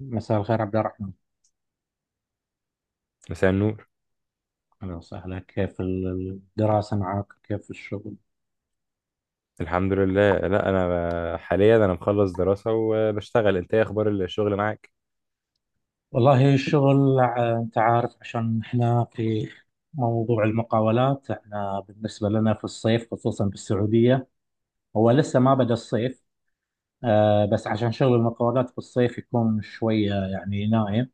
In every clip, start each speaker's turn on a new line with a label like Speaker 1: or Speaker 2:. Speaker 1: مساء الخير عبد الرحمن.
Speaker 2: مساء النور.
Speaker 1: أهلا وسهلا، كيف الدراسة معك؟ كيف الشغل؟
Speaker 2: الحمد لله. لا، انا حاليا انا مخلص دراسة وبشتغل. انت ايه اخبار الشغل معاك؟
Speaker 1: والله الشغل أنت عارف، عشان إحنا في موضوع المقاولات. إحنا بالنسبة لنا في الصيف، خصوصا بالسعودية، هو لسه ما بدأ الصيف. بس عشان شغل المقاولات في الصيف يكون شوية يعني نايم،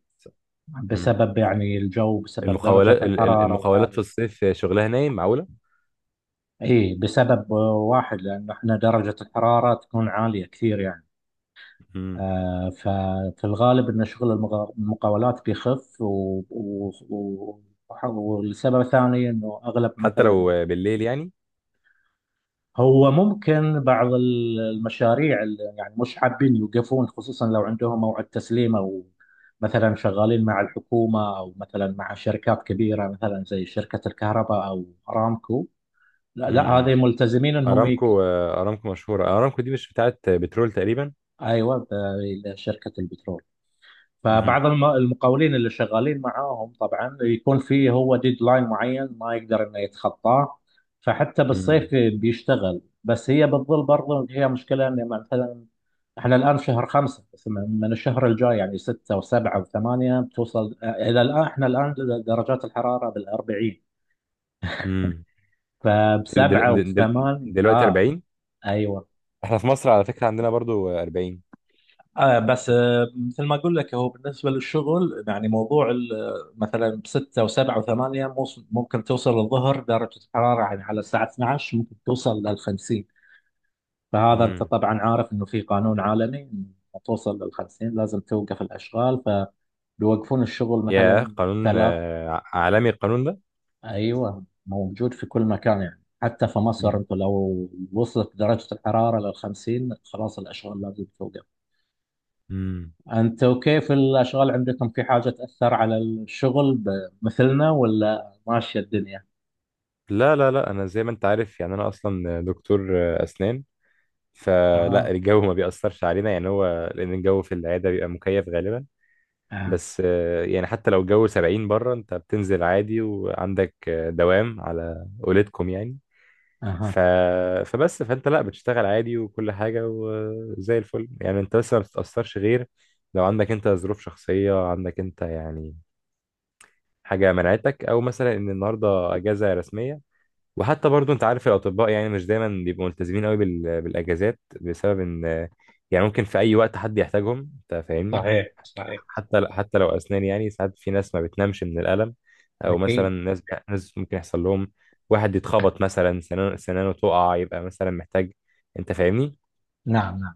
Speaker 2: مم.
Speaker 1: بسبب يعني الجو، بسبب درجة
Speaker 2: المخاولات
Speaker 1: الحرارة
Speaker 2: المخاولات في
Speaker 1: العالية.
Speaker 2: الصيف شغلها نايم؟ معقولة.
Speaker 1: إيه، بسبب واحد، لأن إحنا درجة الحرارة تكون عالية كثير يعني.
Speaker 2: مم.
Speaker 1: ففي الغالب ان شغل المقاولات بيخف و... و... والسبب الثاني انه اغلب
Speaker 2: حتى لو
Speaker 1: مثلا،
Speaker 2: بالليل يعني.
Speaker 1: هو ممكن بعض المشاريع اللي يعني مش حابين يوقفون، خصوصا لو عندهم موعد تسليم او مثلا شغالين مع الحكومه، او مثلا مع شركات كبيره مثلا زي شركه الكهرباء او ارامكو. لا لا، هذه
Speaker 2: مم.
Speaker 1: ملتزمين
Speaker 2: ارامكو. ارامكو مشهورة، ارامكو دي مش بتاعت بترول تقريبا؟
Speaker 1: ايوه، شركه البترول.
Speaker 2: مم.
Speaker 1: فبعض المقاولين اللي شغالين معاهم طبعا يكون فيه هو ديدلاين معين ما يقدر انه يتخطاه. فحتى بالصيف
Speaker 2: مم.
Speaker 1: بيشتغل، بس هي بتظل برضه هي مشكلة، ان مثلا احنا الان في شهر خمسة، بس من الشهر الجاي يعني ستة وسبعة وثمانية بتوصل، الى الان احنا الان درجات الحرارة بال40.
Speaker 2: مم. دل
Speaker 1: فبسبعة
Speaker 2: دل دل
Speaker 1: وبثمان
Speaker 2: دلوقتي
Speaker 1: اه،
Speaker 2: 40.
Speaker 1: ايوه،
Speaker 2: احنا في مصر على فكرة عندنا برضو 40.
Speaker 1: آه بس آه مثل ما اقول لك، هو بالنسبه للشغل يعني موضوع مثلا بستة وسبعة وثمانية ممكن توصل الظهر درجه الحراره يعني على الساعه 12 ممكن توصل لل 50. فهذا انت
Speaker 2: مم.
Speaker 1: طبعا عارف انه في قانون عالمي إنه توصل لل 50 لازم توقف الاشغال. فبيوقفون الشغل
Speaker 2: يا
Speaker 1: مثلا.
Speaker 2: قانون
Speaker 1: ثلاث
Speaker 2: عالمي القانون ده.
Speaker 1: ايوه، موجود في كل مكان يعني، حتى في مصر انت لو وصلت درجه الحراره لل 50 خلاص الاشغال لازم توقف.
Speaker 2: مم.
Speaker 1: أنت وكيف الأشغال عندكم؟ في حاجة تأثر على الشغل مثلنا ولا ماشية الدنيا؟
Speaker 2: لا لا، انا زي ما انت عارف يعني انا اصلا دكتور اسنان، فلا
Speaker 1: اه،
Speaker 2: الجو ما بيأثرش علينا يعني، هو لان الجو في العياده بيبقى مكيف غالبا.
Speaker 1: اه،
Speaker 2: بس يعني حتى لو الجو 70 بره، انت بتنزل عادي وعندك دوام على اولادكم يعني.
Speaker 1: أها،
Speaker 2: ف... فبس فانت لا بتشتغل عادي وكل حاجه وزي الفل يعني، انت بس ما بتتأثرش غير لو عندك انت ظروف شخصيه عندك انت يعني، حاجه منعتك او مثلا ان النهارده اجازه رسميه. وحتى برضو انت عارف الاطباء يعني مش دايما بيبقوا ملتزمين قوي بالاجازات، بسبب ان يعني ممكن في اي وقت حد يحتاجهم، انت فاهمني؟
Speaker 1: صحيح صحيح،
Speaker 2: حتى لو اسنان يعني، ساعات في ناس ما بتنامش من الالم، او مثلا
Speaker 1: اكيد،
Speaker 2: ناس، ناس ممكن يحصل لهم واحد يتخبط مثلا سنانه، سنانه تقع، يبقى مثلا محتاج، انت فاهمني؟
Speaker 1: نعم نعم،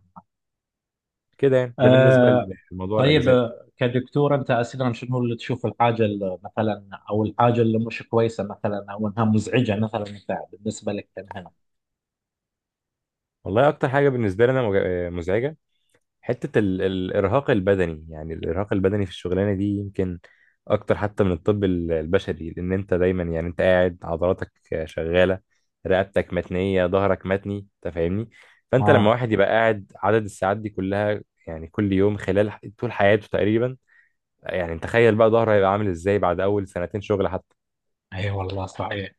Speaker 2: كده يعني، ده بالنسبه
Speaker 1: أه.
Speaker 2: لموضوع
Speaker 1: طيب
Speaker 2: الاجازات.
Speaker 1: كدكتور أنت أساسا شنو اللي تشوف الحاجة اللي مثلا أو الحاجة اللي مش كويسة مثلا أو أنها مزعجة مثلا أنت بالنسبة لك كمهنة؟
Speaker 2: والله اكتر حاجه بالنسبه لي انا مزعجه، حتة الإرهاق البدني. يعني الإرهاق البدني في الشغلانة دي يمكن أكتر حتى من الطب البشري، لأن أنت دايما يعني أنت قاعد، عضلاتك شغالة، رقبتك متنية، ظهرك متني، أنت فاهمني؟ فأنت لما
Speaker 1: اه،
Speaker 2: واحد يبقى قاعد عدد الساعات دي كلها يعني كل يوم خلال طول حياته تقريبا، يعني تخيل بقى ظهره هيبقى عامل إزاي بعد أول سنتين شغل حتى.
Speaker 1: اي والله صحيح،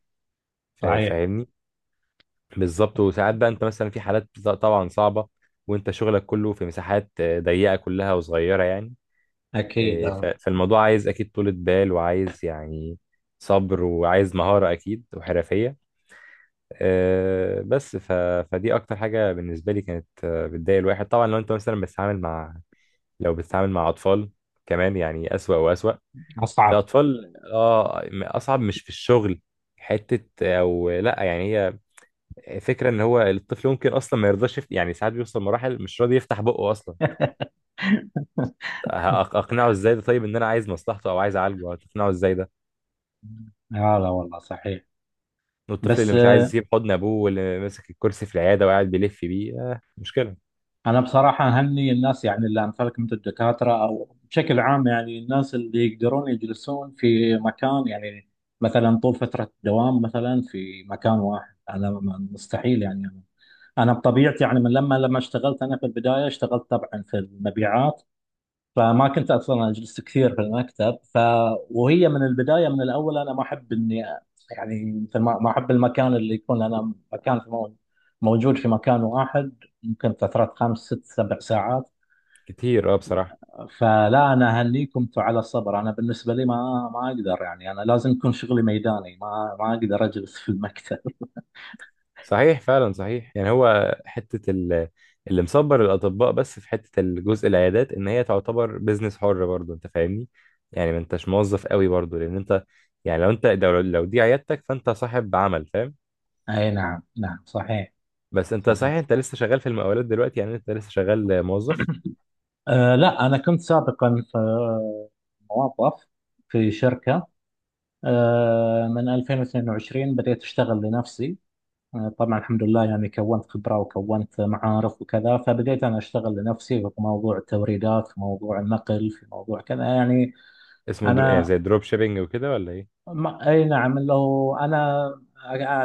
Speaker 1: صحيح،
Speaker 2: فاهمني؟ بالظبط. وساعات بقى أنت مثلا في حالات طبعا صعبة، وأنت شغلك كله في مساحات ضيقة كلها وصغيرة يعني.
Speaker 1: اكيد،
Speaker 2: إيه،
Speaker 1: آه.
Speaker 2: فالموضوع عايز اكيد طولة بال، وعايز يعني صبر، وعايز مهارة اكيد وحرفية. آه، بس ف... فدي اكتر حاجة بالنسبة لي كانت بتضايق الواحد. طبعا لو انت مثلا بتتعامل مع، لو بتتعامل مع اطفال كمان يعني اسوأ واسوأ.
Speaker 1: اصعب.
Speaker 2: الاطفال اه، اصعب. مش في الشغل، حتة، او لا يعني، هي فكرة ان هو الطفل ممكن اصلا ما يرضاش يعني، ساعات بيوصل مراحل مش راضي يفتح بقه اصلا. هأق- اقنعه ازاي ده؟ طيب ان انا عايز مصلحته او عايز اعالجه، هتقنعه ازاي ده؟
Speaker 1: لا لا والله صحيح.
Speaker 2: والطفل اللي
Speaker 1: بس
Speaker 2: مش عايز يسيب حضن ابوه، واللي ماسك الكرسي في العياده وقاعد بيلف بيه، آه مشكله.
Speaker 1: أنا بصراحة أهني الناس يعني اللي أمثالك مثل الدكاترة أو بشكل عام، يعني الناس اللي يقدرون يجلسون في مكان يعني مثلا طول فترة الدوام مثلا في مكان واحد. أنا مستحيل يعني. أنا بطبيعتي يعني، من لما اشتغلت، أنا في البداية اشتغلت طبعا في المبيعات، فما كنت اصلا اجلس كثير في المكتب. وهي من البدايه من الاول انا ما احب اني، يعني مثل ما احب المكان اللي يكون انا مكان في موجود في مكان واحد ممكن فتره 5 6 7 ساعات.
Speaker 2: كتير اه بصراحه.
Speaker 1: فلا انا اهنيكم انتم على الصبر، انا بالنسبه لي ما اقدر يعني، انا لازم يكون شغلي ميداني، ما اقدر اجلس في المكتب.
Speaker 2: صحيح فعلا، صحيح. يعني هو حته اللي مصبر الاطباء بس في حته الجزء العيادات، ان هي تعتبر بيزنس حر برضه، انت فاهمني؟ يعني ما انتش موظف قوي برضه، لان انت يعني لو انت لو دي عيادتك فانت صاحب عمل، فاهم؟
Speaker 1: اي نعم، نعم صحيح،
Speaker 2: بس انت
Speaker 1: صحيح.
Speaker 2: صحيح، انت لسه شغال في المقاولات دلوقتي يعني، انت لسه شغال موظف.
Speaker 1: أه لا، انا كنت سابقا في موظف في شركه. من 2022 بديت أشتغل لنفسي. طبعا الحمد لله يعني، كونت خبرة وكونت معارف وكذا، فبديت أنا أشتغل لنفسي في موضوع التوريدات، في موضوع النقل، في موضوع كذا يعني.
Speaker 2: اسمه يعني
Speaker 1: أنا،
Speaker 2: زي دروب شيبينج وكده ولا ايه؟
Speaker 1: ما أي نعم، لو أنا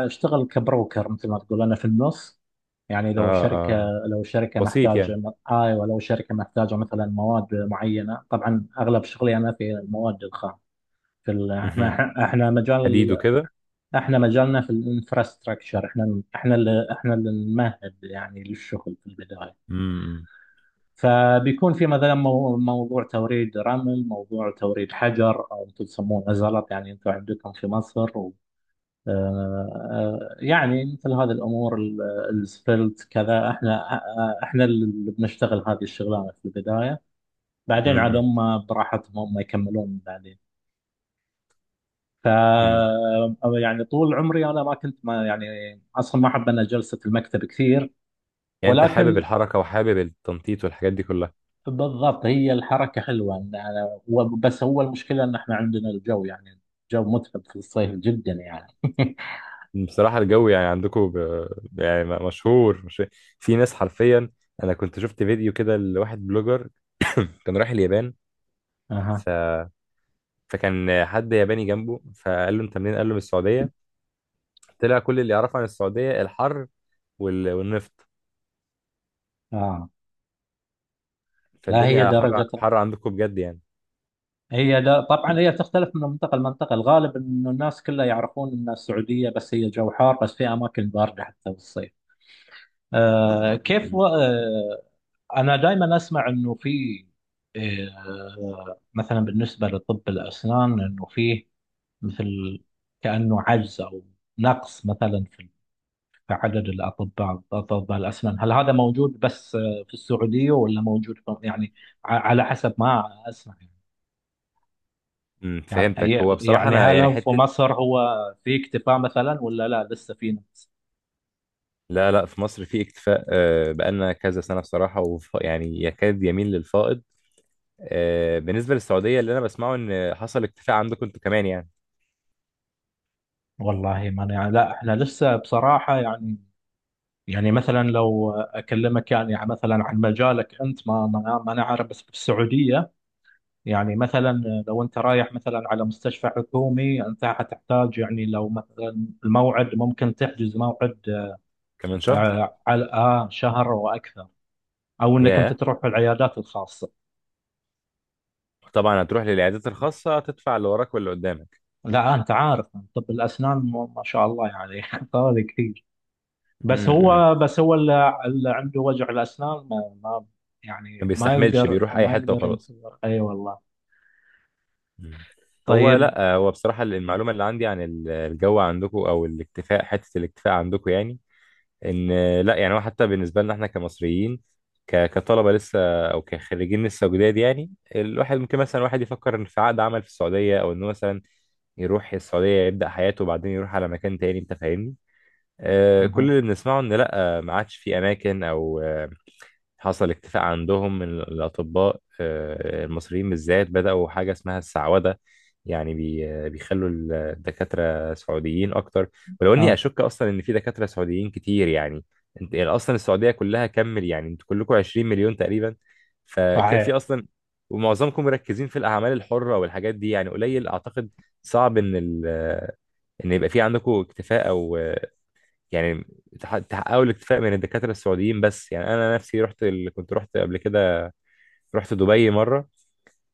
Speaker 1: أشتغل كبروكر مثل ما تقول، أنا في النص يعني. لو
Speaker 2: اه
Speaker 1: شركة،
Speaker 2: اه.
Speaker 1: لو شركة
Speaker 2: وسيط
Speaker 1: محتاجة،
Speaker 2: يعني.
Speaker 1: أيوة لو شركة محتاجة مثلا مواد معينة، طبعا أغلب شغلي أنا في المواد الخام. في
Speaker 2: مهم.
Speaker 1: احنا مجال،
Speaker 2: حديد وكده.
Speaker 1: احنا مجالنا في الانفراستراكشر. احنا اللي نمهد يعني للشغل في البدايه.
Speaker 2: امم
Speaker 1: فبيكون في مثلا موضوع توريد رمل، موضوع توريد حجر او انتم تسمونه زلط، يعني انتم عندكم في مصر. و آه، آه، يعني مثل هذه الامور السفلت كذا، احنا، احنا اللي بنشتغل هذه الشغلانه في البدايه، بعدين
Speaker 2: امم
Speaker 1: عاد
Speaker 2: امم.
Speaker 1: هم براحتهم هم يكملون بعدين. ف
Speaker 2: امم.
Speaker 1: يعني طول عمري انا ما كنت ما يعني، اصلا ما احب انا جلسه المكتب كثير.
Speaker 2: يعني انت حابب
Speaker 1: ولكن
Speaker 2: الحركه وحابب التنطيط والحاجات دي كلها.
Speaker 1: بالضبط هي الحركه حلوه، ان أنا بس هو المشكله ان احنا عندنا الجو يعني، الجو متعب في الصيف جدا يعني.
Speaker 2: بصراحه الجو يعني عندكم يعني مشهور مش... في ناس حرفيا، انا كنت شفت فيديو كده لواحد بلوجر كان رايح اليابان.
Speaker 1: اها،
Speaker 2: ف... فكان حد ياباني جنبه فقال له انت منين، قال له من السعوديه، طلع كل اللي يعرفه عن السعوديه الحر والنفط.
Speaker 1: اه. لا هي
Speaker 2: فالدنيا حر
Speaker 1: درجه،
Speaker 2: حر عندكم بجد يعني.
Speaker 1: هي دا طبعا هي تختلف من منطقه لمنطقه. الغالب انه الناس كلها يعرفون ان السعوديه بس هي جو حار، بس في اماكن بارده حتى بالصيف. آه كيف
Speaker 2: امم.
Speaker 1: و... آه انا دائما اسمع انه في، مثلا بالنسبه لطب الاسنان، انه فيه مثل كانه عجز او نقص مثلا في، في عدد الاطباء، اطباء الاسنان، هل هذا موجود بس في السعوديه ولا موجود يعني، على حسب ما اسمع يعني.
Speaker 2: أمم، فهمتك.
Speaker 1: يعني
Speaker 2: هو بصراحه
Speaker 1: يعني
Speaker 2: انا
Speaker 1: هل
Speaker 2: يعني
Speaker 1: هو في
Speaker 2: حته،
Speaker 1: مصر هو في اكتفاء مثلا ولا لا لسه في نقص؟
Speaker 2: لا لا، في مصر في اكتفاء. بقالنا كذا سنة بصراحة، يعني يكاد يميل للفائض. بالنسبة للسعودية اللي أنا بسمعه إن حصل اكتفاء عندكم أنتوا كمان يعني.
Speaker 1: والله ما أنا- يعني لا احنا لسه بصراحه يعني، يعني مثلا لو اكلمك يعني مثلا عن مجالك انت، ما انا عارف، بس في السعوديه يعني مثلا لو انت رايح مثلا على مستشفى حكومي، انت حتحتاج يعني لو مثلا الموعد ممكن تحجز موعد
Speaker 2: كمان شهر.
Speaker 1: آه، على آه، شهر واكثر، او انك انت
Speaker 2: ياه.
Speaker 1: تروح العيادات الخاصه.
Speaker 2: طبعا هتروح للعيادات الخاصة، تدفع اللي وراك واللي قدامك.
Speaker 1: لا انت عارف، طب الاسنان ما ما شاء الله يعني طوالي كثير. بس
Speaker 2: امم.
Speaker 1: هو، بس هو اللي عنده وجع الاسنان،
Speaker 2: ما
Speaker 1: يعني ما
Speaker 2: بيستحملش،
Speaker 1: يقدر
Speaker 2: بيروح أي
Speaker 1: ما
Speaker 2: حتة
Speaker 1: يقدر
Speaker 2: وخلاص.
Speaker 1: ينتظر، اي والله.
Speaker 2: مم. هو
Speaker 1: طيب،
Speaker 2: لا هو بصراحة المعلومة اللي عندي عن الجو عندكم أو الاكتفاء، حتة الاكتفاء عندكم يعني، ان لا يعني هو حتى بالنسبه لنا احنا كمصريين، كطلبه لسه، او كخريجين لسه جداد يعني، الواحد ممكن مثلا واحد يفكر ان في عقد عمل في السعوديه، او انه مثلا يروح السعوديه يبدا حياته وبعدين يروح على مكان تاني، انت فاهمني؟ آه
Speaker 1: أها،
Speaker 2: كل اللي بنسمعه ان لا، ما عادش في اماكن، او حصل اكتفاء عندهم من الأطباء المصريين بالذات، بدأوا حاجة اسمها السعودة، يعني بي آه، بيخلوا الدكاترة سعوديين أكتر. ولو إني
Speaker 1: آه،
Speaker 2: أشك أصلا إن في دكاترة سعوديين كتير يعني، أنت يعني أصلا السعودية كلها كمل يعني أنتوا كلكم 20 مليون تقريبا، ففي
Speaker 1: صحيح،
Speaker 2: أصلا، ومعظمكم مركزين في الأعمال الحرة والحاجات دي، يعني قليل أعتقد، صعب إن ال آه، إن يبقى في عندكم اكتفاء، أو يعني تحققوا الاكتفاء من الدكاترة السعوديين بس يعني. أنا نفسي رحت كنت رحت قبل كده، رحت دبي مرة،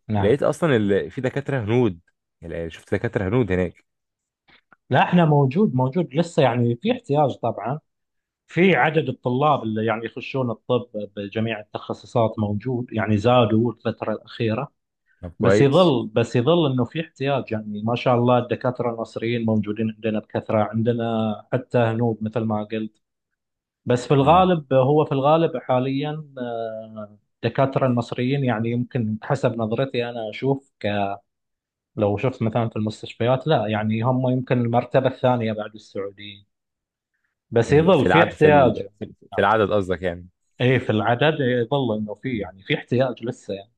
Speaker 1: نعم.
Speaker 2: لقيت أصلا في دكاترة هنود، يعني شفت دكاترة هنود هناك.
Speaker 1: لا احنا موجود لسه يعني، في احتياج طبعا. في عدد الطلاب اللي يعني يخشون الطب بجميع التخصصات موجود يعني، زادوا الفترة الأخيرة.
Speaker 2: طب
Speaker 1: بس
Speaker 2: كويس.
Speaker 1: يظل بس يظل انه في احتياج يعني. ما شاء الله الدكاترة المصريين موجودين عندنا بكثرة، عندنا حتى هنود مثل ما قلت. بس في
Speaker 2: مم.
Speaker 1: الغالب، في الغالب حاليا الدكاترة المصريين يعني، يمكن حسب نظرتي، انا اشوف لو شفت مثلا في المستشفيات، لا يعني هم يمكن المرتبة الثانية بعد السعوديين. بس
Speaker 2: مم.
Speaker 1: يظل
Speaker 2: في
Speaker 1: في
Speaker 2: العدد في
Speaker 1: احتياج يعني.
Speaker 2: في العدد قصدك يعني.
Speaker 1: ايه، في العدد، يظل انه في يعني في احتياج لسه يعني.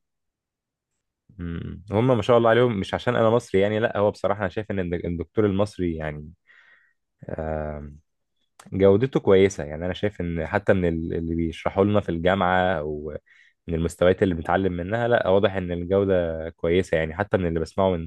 Speaker 2: مم. هم ما شاء الله عليهم. مش عشان أنا مصري يعني، لا هو بصراحة أنا شايف إن الدكتور المصري يعني جودته كويسة. يعني أنا شايف إن حتى من اللي بيشرحوا لنا في الجامعة، أو من المستويات اللي بنتعلم منها، لا واضح إن الجودة كويسة يعني. حتى من اللي بسمعه من،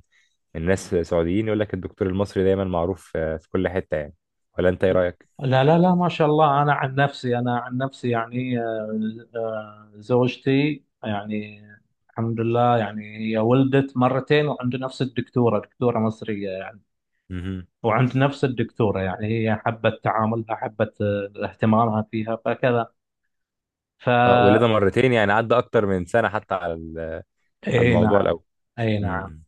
Speaker 2: من ناس سعوديين، يقول لك الدكتور المصري دايما معروف في كل حتة يعني. ولا أنت إيه رأيك؟
Speaker 1: لا لا لا، ما شاء الله. انا عن نفسي، يعني زوجتي يعني الحمد لله يعني، هي ولدت مرتين وعند نفس الدكتورة، دكتورة مصرية يعني.
Speaker 2: مهم.
Speaker 1: وعند نفس الدكتورة يعني هي حبت تعاملها، حبت اهتمامها فيها فكذا. ف
Speaker 2: أه ولادة مرتين يعني عدى أكتر من سنة حتى على على
Speaker 1: اي
Speaker 2: الموضوع
Speaker 1: نعم،
Speaker 2: الأول.
Speaker 1: اي نعم.
Speaker 2: مم.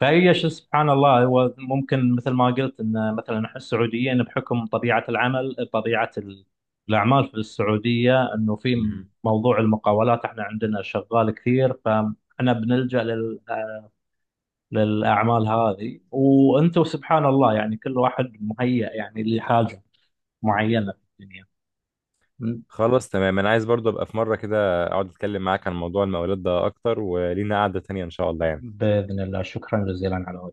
Speaker 1: فهي شو سبحان الله، هو ممكن مثل ما قلت ان مثلا احنا السعوديين بحكم طبيعه العمل، طبيعه الاعمال في السعوديه، انه في
Speaker 2: مهم.
Speaker 1: موضوع المقاولات احنا عندنا شغال كثير، فاحنا بنلجا للاعمال هذه. وانتم سبحان الله يعني، كل واحد مهيأ يعني لحاجه معينه في الدنيا.
Speaker 2: خلاص تمام، أنا عايز برضه أبقى في مرة كده أقعد أتكلم معاك عن موضوع المقاولات ده أكتر، ولينا قعدة تانية إن شاء الله يعني.
Speaker 1: باذن الله، شكرا جزيلا على